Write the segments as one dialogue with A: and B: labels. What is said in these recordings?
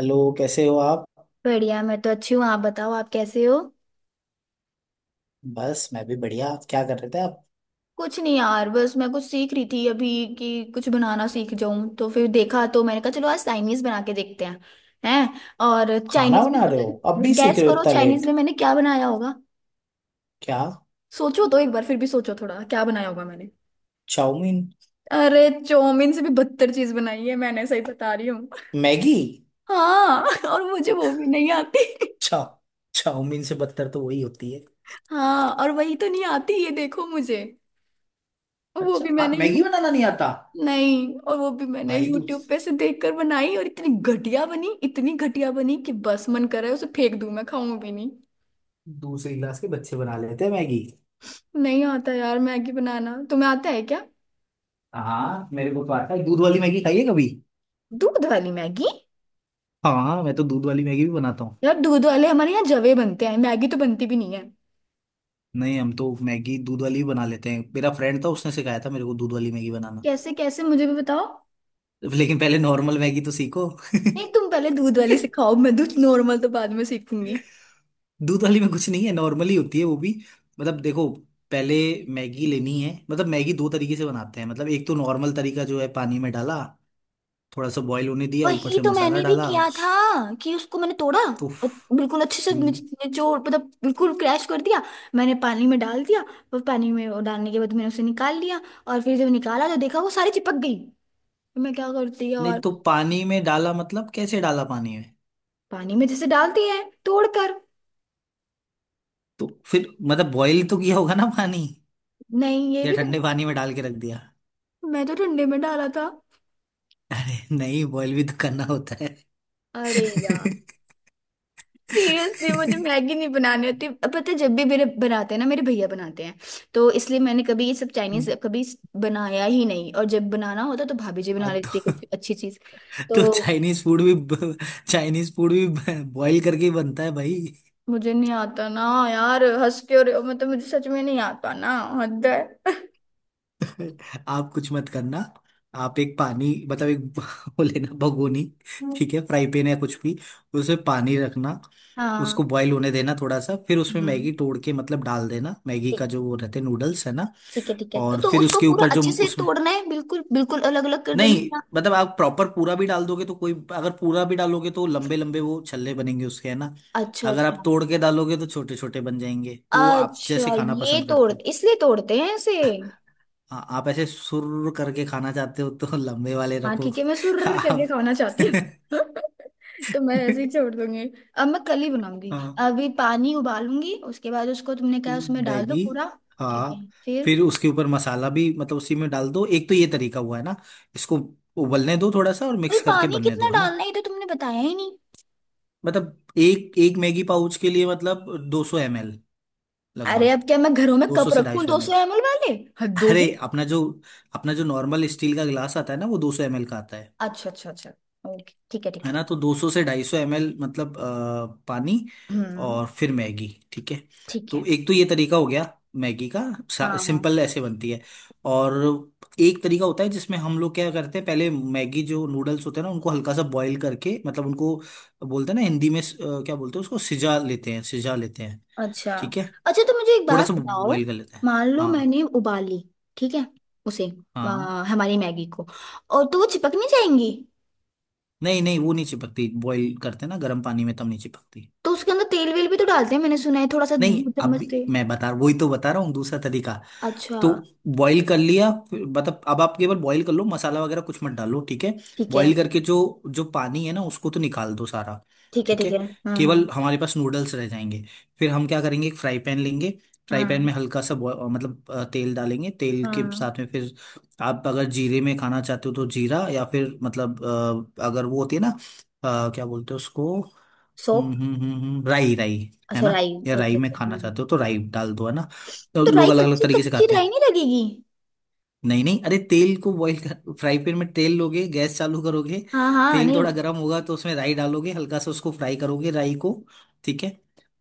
A: Hello, कैसे हो आप?
B: बढ़िया, मैं तो अच्छी हूँ। आप बताओ, आप कैसे हो।
A: बस मैं भी बढ़िया। क्या कर रहे थे आप?
B: कुछ नहीं यार, बस मैं कुछ सीख रही थी अभी कि कुछ बनाना सीख जाऊं। तो फिर देखा तो मैंने कहा चलो आज चाइनीज बना के देखते हैं। हैं। और
A: खाना
B: चाइनीज में
A: बना रहे
B: पता
A: हो अब भी,
B: है,
A: सीख
B: गैस
A: रहे हो
B: करो
A: इतना
B: चाइनीज
A: लेट?
B: में मैंने क्या बनाया होगा।
A: क्या?
B: सोचो तो एक बार, फिर भी सोचो थोड़ा, क्या बनाया होगा मैंने।
A: चाउमीन।
B: अरे चौमिन से भी बदतर चीज बनाई है मैंने, सही बता रही हूँ।
A: मैगी।
B: हाँ और मुझे वो भी नहीं आती।
A: चा चाउमीन से बदतर तो वही होती है।
B: हाँ, और वही तो नहीं आती, ये देखो मुझे। वो
A: अच्छा,
B: भी
A: आप
B: मैंने यू
A: मैगी बनाना नहीं आता?
B: नहीं, और वो भी मैंने
A: भाई,
B: यूट्यूब पे से देखकर बनाई और इतनी घटिया बनी, इतनी घटिया बनी कि बस मन कर रहा है उसे फेंक दूं, मैं खाऊं भी नहीं।
A: दूसरी क्लास के बच्चे बना लेते हैं मैगी।
B: नहीं आता यार मैगी बनाना, तुम्हें आता है क्या।
A: हाँ, मेरे को तो आता है। दूध वाली मैगी खाइए कभी।
B: दूध वाली मैगी?
A: हाँ, मैं तो दूध वाली मैगी भी बनाता हूँ।
B: यार दूध वाले हमारे यहाँ जवे बनते हैं, मैगी तो बनती भी नहीं है।
A: नहीं, हम तो मैगी दूध वाली भी बना लेते हैं। मेरा फ्रेंड था, उसने सिखाया था मेरे को दूध वाली मैगी बनाना।
B: कैसे कैसे, मुझे भी बताओ।
A: लेकिन पहले नॉर्मल मैगी तो सीखो।
B: नहीं तुम पहले दूध वाली सिखाओ, मैं दूध नॉर्मल तो बाद में सीखूंगी।
A: दूध वाली में कुछ नहीं है, नॉर्मली होती है वो भी। मतलब देखो, पहले मैगी लेनी है। मतलब मैगी दो तरीके से बनाते हैं। मतलब एक तो नॉर्मल तरीका जो है, पानी में डाला, थोड़ा सा बॉईल होने दिया, ऊपर
B: वही
A: से
B: तो
A: मसाला
B: मैंने भी
A: डाला
B: किया था कि उसको मैंने तोड़ा
A: तो
B: और बिल्कुल अच्छे से
A: हम्म,
B: निचोड़ मतलब बिल्कुल क्रैश कर दिया। मैंने पानी में डाल दिया और पानी में वो डालने के बाद मैंने उसे निकाल लिया। और फिर जब निकाला तो देखा वो सारी चिपक गई, तो मैं क्या करती
A: नहीं
B: यार।
A: तो। पानी में डाला मतलब कैसे डाला पानी में?
B: पानी में जैसे डालती है तोड़ कर।
A: तो फिर मतलब बॉईल तो किया होगा ना पानी,
B: नहीं ये
A: या
B: भी
A: ठंडे
B: करना।
A: पानी में डाल के रख दिया?
B: मैं तो ठंडे में डाला था।
A: अरे नहीं, बॉईल भी तो करना होता है।
B: अरे सीरियसली मुझे मैगी नहीं बनानी होती अब, पता है, जब भी मेरे बनाते हैं ना, मेरे भैया बनाते हैं, तो इसलिए मैंने कभी ये सब चाइनीज कभी बनाया ही नहीं। और जब बनाना होता तो भाभी जी
A: हाँ,
B: बना लेती है कुछ अच्छी चीज।
A: तो
B: तो
A: चाइनीज फूड भी, चाइनीज फूड भी बॉईल करके ही बनता है भाई।
B: मुझे नहीं आता ना। यार हंस क्यों रहे हो, मतलब मुझे सच में नहीं आता ना। हद है।
A: आप कुछ मत करना। आप एक पानी मतलब एक वो लेना भगोनी, ठीक है, फ्राई पैन या कुछ भी। उसमें पानी रखना, उसको
B: हाँ।
A: बॉईल होने देना थोड़ा सा, फिर उसमें
B: हम्म।
A: मैगी तोड़ के मतलब डाल देना। मैगी का
B: ठीक।
A: जो वो रहते नूडल्स है ना,
B: ठीक है ठीक है,
A: और
B: तो
A: फिर
B: उसको
A: उसके
B: पूरा
A: ऊपर जो
B: अच्छे से
A: उसमें,
B: तोड़ना है, बिल्कुल बिल्कुल अलग अलग कर देना है
A: नहीं,
B: ना।
A: मतलब आप प्रॉपर पूरा भी डाल दोगे तो कोई, अगर पूरा भी डालोगे तो लंबे लंबे वो छल्ले बनेंगे उसके है ना।
B: अच्छा
A: अगर
B: अच्छा।
A: आप तोड़ के डालोगे तो छोटे छोटे बन जाएंगे, वो आप जैसे
B: अच्छा,
A: खाना
B: ये
A: पसंद
B: तोड़
A: करते हो।
B: इसलिए तोड़ते हैं इसे?
A: हाँ, आप ऐसे सुर करके खाना चाहते हो तो लंबे वाले
B: हाँ
A: रखो।
B: ठीक है, मैं सुर्र करके
A: आप
B: खाना चाहती हूँ तो मैं ऐसे ही छोड़ दूंगी। अब मैं कल ही बनाऊंगी।
A: हाँ
B: अभी पानी उबालूंगी, उसके बाद उसको तुमने कहा उसमें डाल दो
A: मैगी
B: पूरा। ठीक है।
A: हाँ।
B: फिर?
A: फिर उसके ऊपर मसाला भी मतलब उसी में डाल दो। एक तो ये तरीका हुआ है ना। इसको उबलने दो थोड़ा सा और
B: अरे
A: मिक्स करके
B: पानी
A: बनने दो,
B: कितना
A: है ना।
B: डालना है ये तो तुमने बताया ही नहीं।
A: मतलब एक एक मैगी पाउच के लिए मतलब 200 सौ ML,
B: अरे
A: लगभग
B: अब क्या मैं घरों में
A: दो सौ
B: कप
A: से ढाई
B: रखूं
A: सौ
B: दो
A: एम
B: सौ
A: एल
B: एम एल वाले। हद हो
A: अरे,
B: गई।
A: अपना जो, अपना जो नॉर्मल स्टील का गिलास आता है ना वो 200 ML का आता है।
B: अच्छा अच्छा अच्छा, ओके ठीक है ठीक
A: है ना, तो
B: है।
A: 200 से 250 ML मतलब पानी,
B: ठीक है, हम्म।
A: और फिर मैगी, ठीक है।
B: ठीक
A: तो
B: है।
A: एक तो ये तरीका हो गया मैगी का,
B: हाँ हाँ।
A: सिंपल ऐसे बनती है। और एक तरीका होता है जिसमें हम लोग क्या करते हैं, पहले मैगी जो नूडल्स होते हैं ना उनको हल्का सा बॉईल करके, मतलब उनको बोलते हैं ना हिंदी में क्या बोलते हैं उसको, सिजा लेते हैं, सिजा लेते हैं,
B: अच्छा
A: ठीक है,
B: अच्छा, तो मुझे एक
A: थोड़ा
B: बात
A: सा
B: बताओ,
A: बॉईल कर लेते हैं।
B: मान लो
A: हाँ
B: मैंने उबाली, ठीक है उसे,
A: हाँ,
B: हमारी मैगी को, और तो वो चिपक नहीं जाएंगी?
A: नहीं नहीं, वो नहीं चिपकती, बॉईल करते ना गर्म पानी में तब नहीं चिपकती।
B: तो उसके अंदर तेल वेल भी तो डालते हैं, मैंने सुना है थोड़ा सा
A: नहीं,
B: दो
A: अब
B: चम्मच
A: भी
B: तेल।
A: मैं बता, वही तो बता रहा हूँ दूसरा तरीका।
B: अच्छा।
A: तो बॉईल कर लिया फिर, मतलब अब आप केवल बॉईल कर लो, मसाला वगैरह कुछ मत डालो, ठीक है।
B: ठीक है
A: बॉईल करके जो जो पानी है ना उसको तो निकाल दो सारा,
B: ठीक है
A: ठीक
B: ठीक
A: है।
B: है। हाँ
A: केवल
B: हाँ।
A: हमारे पास नूडल्स रह जाएंगे। फिर हम क्या करेंगे, एक फ्राई पैन लेंगे, फ्राई पैन
B: हाँ
A: में हल्का सा मतलब तेल डालेंगे। तेल के
B: हाँ।
A: साथ में फिर आप अगर जीरे में खाना चाहते हो तो जीरा, या फिर मतलब अगर वो होती है ना क्या बोलते हैं उसको,
B: सौंफ?
A: राई, राई, है
B: अच्छा
A: ना,
B: राई,
A: या राई
B: अच्छा
A: में
B: अच्छा हाँ।
A: खाना चाहते हो तो राई डाल दो, है ना। तो
B: तो राई
A: लोग अलग अलग
B: कच्ची,
A: तरीके से
B: कच्ची
A: खाते
B: राई
A: हैं।
B: नहीं लगेगी?
A: नहीं नहीं, अरे तेल को बॉईल कर, फ्राई पैन में तेल लोगे, गैस चालू करोगे,
B: हाँ हाँ
A: तेल
B: नहीं।
A: थोड़ा गर्म होगा, तो उसमें राई डालोगे, हल्का सा उसको फ्राई करोगे राई को, ठीक है।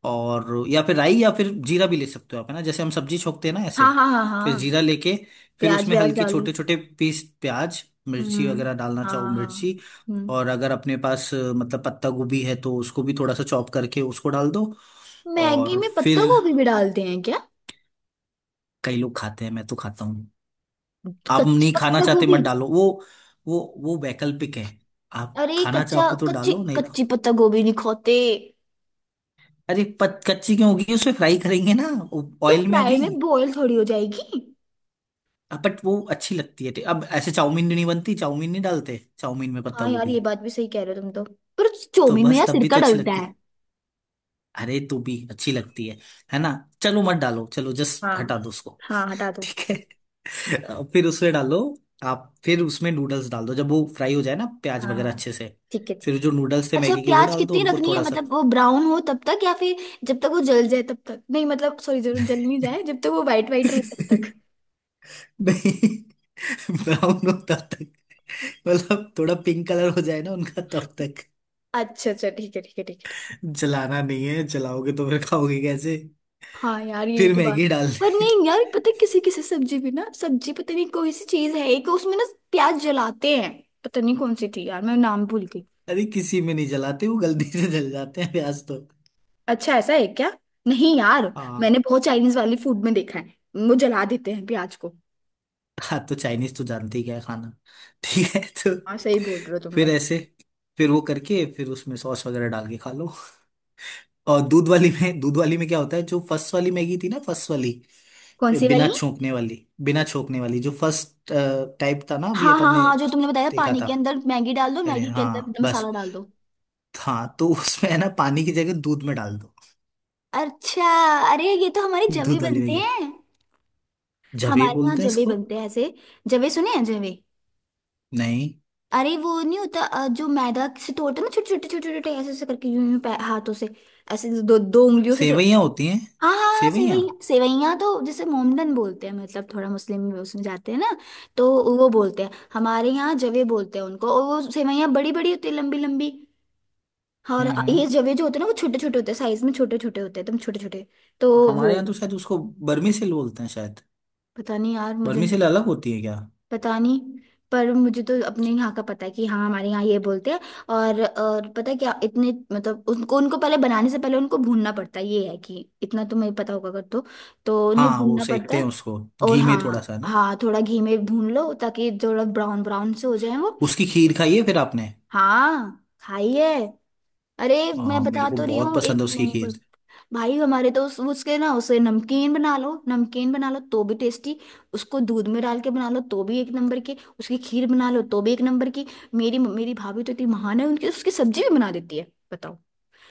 A: और या फिर राई या फिर जीरा भी ले सकते हो आप, है ना, जैसे हम सब्जी छोकते हैं ना ऐसे।
B: हाँ हाँ हाँ
A: फिर
B: हाँ।
A: जीरा लेके फिर
B: प्याज
A: उसमें
B: व्याज
A: हल्के
B: डाली?
A: छोटे छोटे पीस प्याज, मिर्ची
B: हम्म।
A: वगैरह डालना
B: हाँ
A: चाहो,
B: हाँ।
A: मिर्ची,
B: हम्म।
A: और अगर अपने पास मतलब पत्ता गोभी है तो उसको भी थोड़ा सा चॉप करके उसको डाल दो।
B: मैगी
A: और
B: में पत्ता
A: फिर
B: गोभी भी डालते हैं क्या?
A: कई लोग खाते हैं, मैं तो खाता। आप
B: कच्ची
A: नहीं खाना
B: पत्ता
A: चाहते मत
B: गोभी?
A: डालो वो, वो वो वैकल्पिक है। आप
B: अरे
A: खाना
B: कच्चा
A: चाहो तो
B: कच्ची,
A: डालो नहीं तो।
B: कच्ची पत्ता गोभी नहीं खाते।
A: अरे कच्ची क्यों होगी, उसे फ्राई करेंगे ना
B: तो
A: ऑयल में
B: फ्राई
A: अभी।
B: में बॉईल थोड़ी हो जाएगी।
A: अब बट वो अच्छी लगती है। अब ऐसे चाउमीन नहीं बनती, चाउमीन नहीं डालते चाउमीन में पत्ता
B: हाँ यार
A: गोभी।
B: ये बात भी सही कह रहे हो तुम तो। पर
A: तो
B: चौमिन में
A: बस
B: यार
A: तब भी
B: सिरका
A: तो अच्छी
B: डलता
A: लगती
B: है।
A: है, अरे तो भी अच्छी लगती है ना। चलो मत डालो, चलो जस्ट
B: हाँ।
A: हटा दो उसको,
B: हाँ, हटा दो।
A: ठीक है। अब फिर उसमें डालो, आप फिर उसमें नूडल्स डाल दो जब वो फ्राई हो जाए ना प्याज
B: हाँ
A: वगैरह
B: हाँ।
A: अच्छे से।
B: ठीक है
A: फिर
B: ठीक है।
A: जो नूडल्स थे
B: अच्छा,
A: मैगी के वो
B: प्याज
A: डाल दो
B: कितनी
A: उनको
B: रखनी है,
A: थोड़ा सा।
B: मतलब वो ब्राउन हो तब तक या फिर जब तक वो जल जाए तब तक? नहीं मतलब सॉरी, जल जल नहीं जाए, जब तक वो वाइट वाइट रहे तब
A: नहीं,
B: तक?
A: ब्राउन होता तक, मतलब थोड़ा पिंक कलर हो जाए ना उनका तब तक।
B: अच्छा अच्छा ठीक है ठीक है ठीक है ठीक है।
A: जलाना नहीं है, जलाओगे तो फिर खाओगे कैसे।
B: हाँ यार यही
A: फिर
B: तो बात।
A: मैगी
B: पर
A: डालनी है।
B: नहीं यार, पता है किसी किसी सब्जी भी ना, सब्जी पता नहीं कोई सी चीज है एक उसमें ना, प्याज जलाते हैं। पता नहीं कौन सी थी यार, मैं नाम भूल गई।
A: अरे किसी में नहीं जलाते, वो गलती से जल जाते हैं प्याज तो।
B: अच्छा ऐसा है क्या? नहीं यार,
A: हाँ
B: मैंने बहुत चाइनीज वाली फूड में देखा है, वो जला देते हैं प्याज को।
A: हाँ, तो चाइनीज तो जानते ही क्या है खाना। ठीक है, तो
B: हाँ सही बोल रहे हो तुम
A: फिर
B: बस।
A: ऐसे, फिर वो करके फिर उसमें सॉस वगैरह डाल के खा लो। और दूध वाली में क्या होता है, जो फर्स्ट वाली मैगी थी ना, फर्स्ट वाली,
B: कौन सी
A: बिना
B: वाली?
A: छोंकने वाली बिना छोंकने वाली जो फर्स्ट टाइप था ना, अभी
B: हाँ हाँ
A: अपन ने
B: हाँ, जो तुमने बताया
A: देखा
B: पानी
A: था
B: के अंदर मैगी डाल दो,
A: पहले,
B: मैगी के
A: हाँ
B: अंदर
A: बस।
B: मसाला डाल दो।
A: हाँ, तो उसमें है ना पानी की जगह दूध में डाल दो।
B: अच्छा। अरे ये तो हमारे जवे
A: दूध वाली में
B: बनते
A: गिर,
B: हैं।
A: जबे
B: हमारे यहाँ
A: बोलते हैं
B: जवे
A: इसको।
B: बनते हैं ऐसे। जवे, सुने हैं जवे?
A: नहीं,
B: अरे वो नहीं होता जो मैदा से तोड़ते हैं ना, छोटे छोटे छोटे छोटे, ऐसे ऐसे करके, यूं यूं हाथों से, ऐसे 2-2 उंगलियों से।
A: सेवइयां होती हैं,
B: हाँ हाँ हाँ,
A: सेवइयां।
B: सेवइयाँ। सेवइयाँ तो जैसे मोमडन बोलते हैं, मतलब थोड़ा मुस्लिम में उसमें जाते हैं ना, तो वो बोलते हैं। हमारे यहाँ जवे बोलते हैं उनको, और वो सेवइयाँ बड़ी बड़ी होती है, लंबी लंबी। हाँ, और
A: हम्म हम्म
B: ये जवे जो होते हैं ना, वो छोटे छोटे होते हैं, साइज में छोटे छोटे होते हैं, एकदम छोटे छोटे। तो
A: हमारे
B: वो,
A: यहाँ तो शायद उसको बर्मी सेल बोलते हैं शायद।
B: पता नहीं यार मुझे
A: बर्मी
B: नहीं
A: सेल अलग होती है क्या?
B: पता नहीं। पर मुझे तो अपने यहाँ का पता है कि हाँ हमारे यहाँ ये बोलते हैं। और पता है क्या इतने, उनको उनको पहले बनाने से पहले उनको भूनना पड़ता है, ये है कि इतना तुम्हें पता होगा अगर तो, तो उन्हें
A: हाँ, वो
B: भूनना पड़ता
A: सेकते हैं
B: है।
A: उसको
B: और
A: घी में थोड़ा
B: हाँ
A: सा ना।
B: हाँ थोड़ा घी में भून लो ताकि थोड़ा ब्राउन ब्राउन से हो जाए वो।
A: उसकी खीर खाई है फिर आपने?
B: हाँ खाइए। अरे मैं
A: हाँ,
B: बता
A: मेरे को
B: तो रही
A: बहुत
B: हूँ,
A: पसंद
B: एक
A: है उसकी
B: नंबर।
A: खीर
B: भाई हमारे तो उस उसके ना, उसे नमकीन बना लो तो भी टेस्टी, उसको दूध में डाल के बना लो तो भी एक नंबर की, उसकी खीर बना लो तो भी एक नंबर की। मेरी मेरी भाभी तो इतनी महान है, उनकी उसकी सब्जी भी बना देती है, बताओ।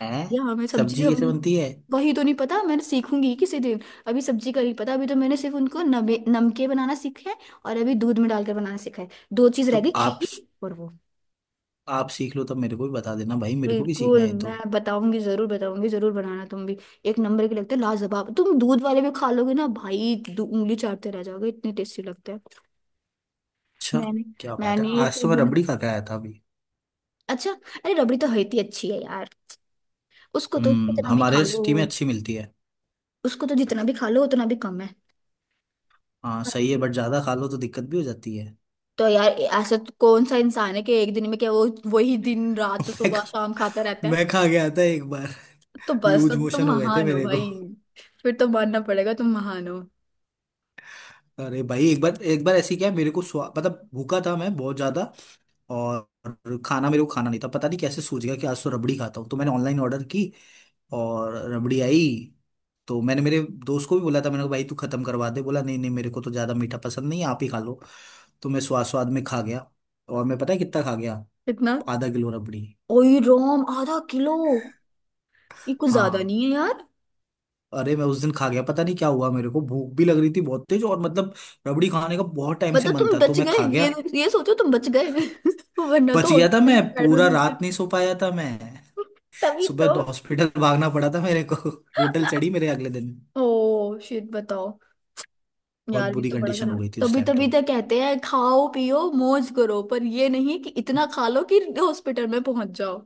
A: है।
B: या हमें सब्जी
A: सब्जी कैसे
B: हम,
A: बनती है?
B: वही तो नहीं पता, मैंने सीखूंगी किसी दिन। अभी सब्जी का नहीं पता, अभी तो मैंने सिर्फ उनको नमे नमके बनाना सीखा है और अभी दूध में डालकर बनाना सीखा है, दो चीज रह
A: तो
B: गई,
A: आप
B: खीर और वो।
A: आप सीख लो तब मेरे को भी बता देना। भाई मेरे को भी सीखना
B: बिल्कुल
A: है ये
B: मैं
A: तो।
B: बताऊंगी, जरूर बताऊंगी, जरूर बनाना तुम भी। एक नंबर के लगते हैं, लाजवाब, तुम दूध वाले भी खा लोगे ना भाई, उंगली चाटते रह जाओगे, इतने टेस्टी लगते हैं।
A: अच्छा,
B: मैंने
A: क्या बात है,
B: मैंने
A: आज तो मैं रबड़ी खा के आया था अभी।
B: अच्छा। अरे रबड़ी तो होती अच्छी है यार, उसको तो
A: हम्म,
B: कितना भी खा
A: हमारे
B: लो।
A: सिटी में अच्छी मिलती है।
B: उसको तो जितना भी खा लो उतना भी कम है।
A: हाँ सही है, बट ज्यादा खा लो तो दिक्कत भी हो जाती है।
B: तो यार ऐसा तो कौन सा इंसान है कि एक दिन में क्या वो, वही दिन रात
A: मैं
B: सुबह
A: खा,
B: शाम खाता रहता है।
A: मैं खा गया था एक बार।
B: तो बस
A: लूज
B: तो तुम
A: मोशन हो गए थे
B: महान हो
A: मेरे को।
B: भाई। फिर तो मानना पड़ेगा, तुम महान हो।
A: अरे भाई, एक बार, एक बार ऐसी क्या है, मेरे को स्वा मतलब भूखा था मैं बहुत ज्यादा। और खाना मेरे को खाना नहीं था, पता नहीं कैसे सूझ गया कि आज तो रबड़ी खाता हूँ, तो मैंने ऑनलाइन ऑर्डर की और रबड़ी आई। तो मैंने मेरे दोस्त को भी बोला था, मैंने कहा भाई तू खत्म करवा दे। बोला नहीं नहीं, मेरे को तो ज्यादा मीठा पसंद नहीं है, आप ही खा लो। तो मैं स्वाद स्वाद में खा गया। और मैं, पता है कितना खा गया,
B: इतना?
A: आधा किलो रबड़ी।
B: ओई रोम, आधा किलो? ये कुछ ज्यादा
A: हाँ।
B: नहीं है यार।
A: अरे मैं उस दिन खा गया, पता नहीं क्या हुआ, मेरे को भूख भी लग रही थी बहुत तेज, और मतलब रबड़ी खाने का बहुत टाइम से
B: मतलब
A: मन
B: तुम
A: था, तो
B: बच
A: मैं
B: गए,
A: खा गया।
B: ये सोचो तुम बच गए वरना
A: बच
B: तो
A: गया था,
B: हॉस्पिटल
A: मैं
B: के बेड में
A: पूरा
B: मिलते।
A: रात नहीं सो पाया था मैं।
B: तभी
A: सुबह
B: तो।
A: तो हॉस्पिटल भागना पड़ा था मेरे को। बोतल चढ़ी मेरे अगले दिन।
B: ओ शिट, बताओ।
A: बहुत
B: यार ये
A: बुरी
B: तो बड़ा
A: कंडीशन हो
B: खराब,
A: गई थी उस
B: तभी
A: टाइम
B: तभी
A: तो।
B: तो कहते हैं खाओ पियो मौज करो पर ये नहीं कि इतना खा लो कि हॉस्पिटल में पहुंच जाओ।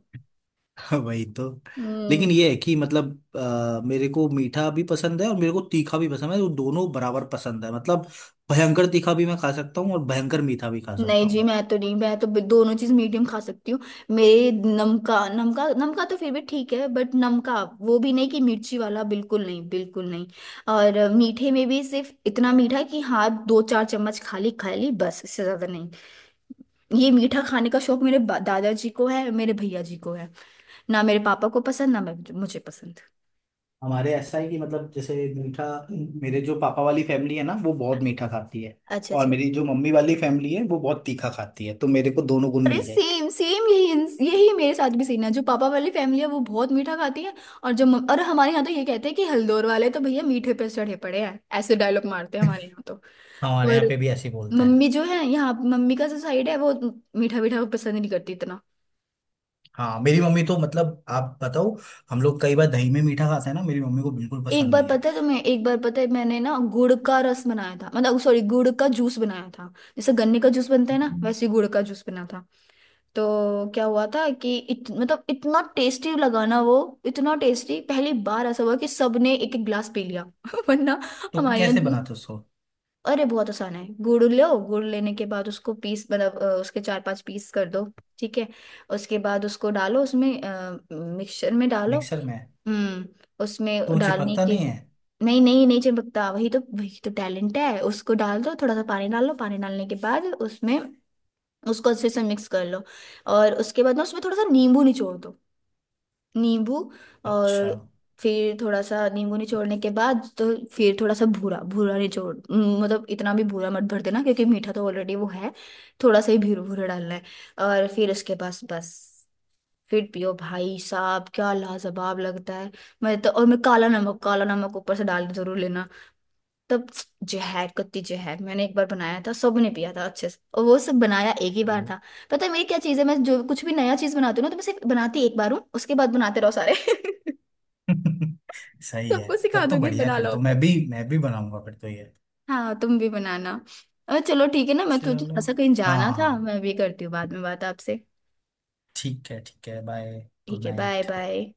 A: वही तो।
B: हम्म।
A: लेकिन ये है कि मतलब मेरे को मीठा भी पसंद है और मेरे को तीखा भी पसंद है, वो दोनों बराबर पसंद है। मतलब भयंकर तीखा भी मैं खा सकता हूँ और भयंकर मीठा भी खा
B: नहीं
A: सकता
B: जी
A: हूँ।
B: मैं तो नहीं, मैं तो दोनों चीज मीडियम खा सकती हूँ। मेरे नमका नमका नमका तो फिर भी ठीक है, बट नमका वो भी नहीं कि मिर्ची वाला, बिल्कुल नहीं बिल्कुल नहीं। और मीठे में भी सिर्फ इतना मीठा कि हाँ 2-4 चम्मच खाली खा ली बस, इससे ज्यादा नहीं। ये मीठा खाने का शौक मेरे दादाजी को है, मेरे भैया जी को है, ना मेरे पापा को पसंद, ना मैं मुझे पसंद।
A: हमारे ऐसा है कि मतलब जैसे मीठा, मेरे जो पापा वाली फैमिली है ना वो बहुत मीठा खाती है,
B: अच्छा
A: और
B: अच्छा।
A: मेरी जो मम्मी वाली फैमिली है वो बहुत तीखा खाती है, तो मेरे को दोनों गुण
B: अरे
A: मिल गए।
B: सेम सेम, यही यही मेरे साथ भी सीन है, जो पापा वाली फैमिली है वो बहुत मीठा खाती है। और जो और हमारे यहाँ तो ये कहते हैं कि हल्दोर वाले तो भैया मीठे पे चढ़े पड़े हैं, ऐसे डायलॉग मारते हैं हमारे यहाँ तो।
A: हमारे यहाँ
B: और
A: पे भी ऐसे ही बोलते हैं।
B: मम्मी जो है, यहाँ मम्मी का जो साइड है वो मीठा मीठा पसंद नहीं करती इतना।
A: हाँ, मेरी मम्मी तो मतलब आप बताओ, हम लोग कई बार दही में मीठा खाते हैं ना, मेरी मम्मी को बिल्कुल
B: एक
A: पसंद
B: बार
A: नहीं है।
B: पता है तुम्हें, एक बार पता है मैंने ना गुड़ का रस बनाया था, मतलब सॉरी गुड़ का जूस बनाया था, जैसे गन्ने का जूस बनता है ना वैसे ही गुड़ का जूस बना था। तो क्या हुआ था कि मतलब इतना टेस्टी लगा ना वो, इतना टेस्टी, पहली बार ऐसा हुआ कि सबने एक एक ग्लास पी लिया वरना
A: तो
B: हमारे यहाँ
A: कैसे
B: जूस।
A: बनाते हो उसको?
B: अरे बहुत आसान है, गुड़ लो, गुड़ लेने के बाद उसको पीस मतलब उसके 4-5 पीस कर दो, ठीक है। उसके बाद उसको डालो उसमें, मिक्सचर में डालो।
A: मिक्सर में?
B: हम्म।
A: तो
B: उसमें
A: वो
B: डालने
A: चिपकता
B: के,
A: नहीं है?
B: नहीं नहीं नहीं चिपकता, वही तो टैलेंट है। उसको डाल दो, थोड़ा सा पानी डालो, पानी डालने के बाद उसमें उसको अच्छे से मिक्स कर लो। और उसके बाद ना उसमें थोड़ा सा नींबू निचोड़ दो, नींबू।
A: अच्छा।
B: और फिर थोड़ा सा नींबू निचोड़ने के बाद तो, फिर थोड़ा सा भूरा भूरा निचोड़ मतलब इतना भी भूरा मत भर देना क्योंकि मीठा तो ऑलरेडी वो है, थोड़ा सा ही भूरा भूरा डालना है। और फिर उसके पास बस, फिर पियो भाई साहब, क्या लाजवाब लगता है। मैं तो, और मैं काला नमक, काला नमक ऊपर से डाल के जरूर लेना, तब, जहर कत्ती जहर। मैंने एक बार बनाया था, सबने पिया था अच्छे से, और वो सब बनाया एक ही बार
A: चलो।
B: था। पता है मेरी क्या चीज़ है, मैं जो कुछ भी नया चीज़ बनाती हूँ ना, तो मैं सिर्फ बनाती एक बार हूँ, उसके बाद बनाते रहो सारे
A: सही है,
B: सबको सिखा
A: तब तो
B: दूंगी,
A: बढ़िया है,
B: बना
A: फिर
B: लो,
A: तो मैं भी बनाऊंगा फिर तो ये।
B: हाँ तुम भी बनाना। और चलो ठीक है ना, मैं तो
A: चलो।
B: थोड़ा सा कहीं
A: हाँ
B: जाना
A: हाँ,
B: था,
A: हाँ।
B: मैं भी करती हूँ बाद में बात आपसे।
A: ठीक है ठीक है, बाय। गुड
B: ठीक है बाय
A: नाइट।
B: बाय।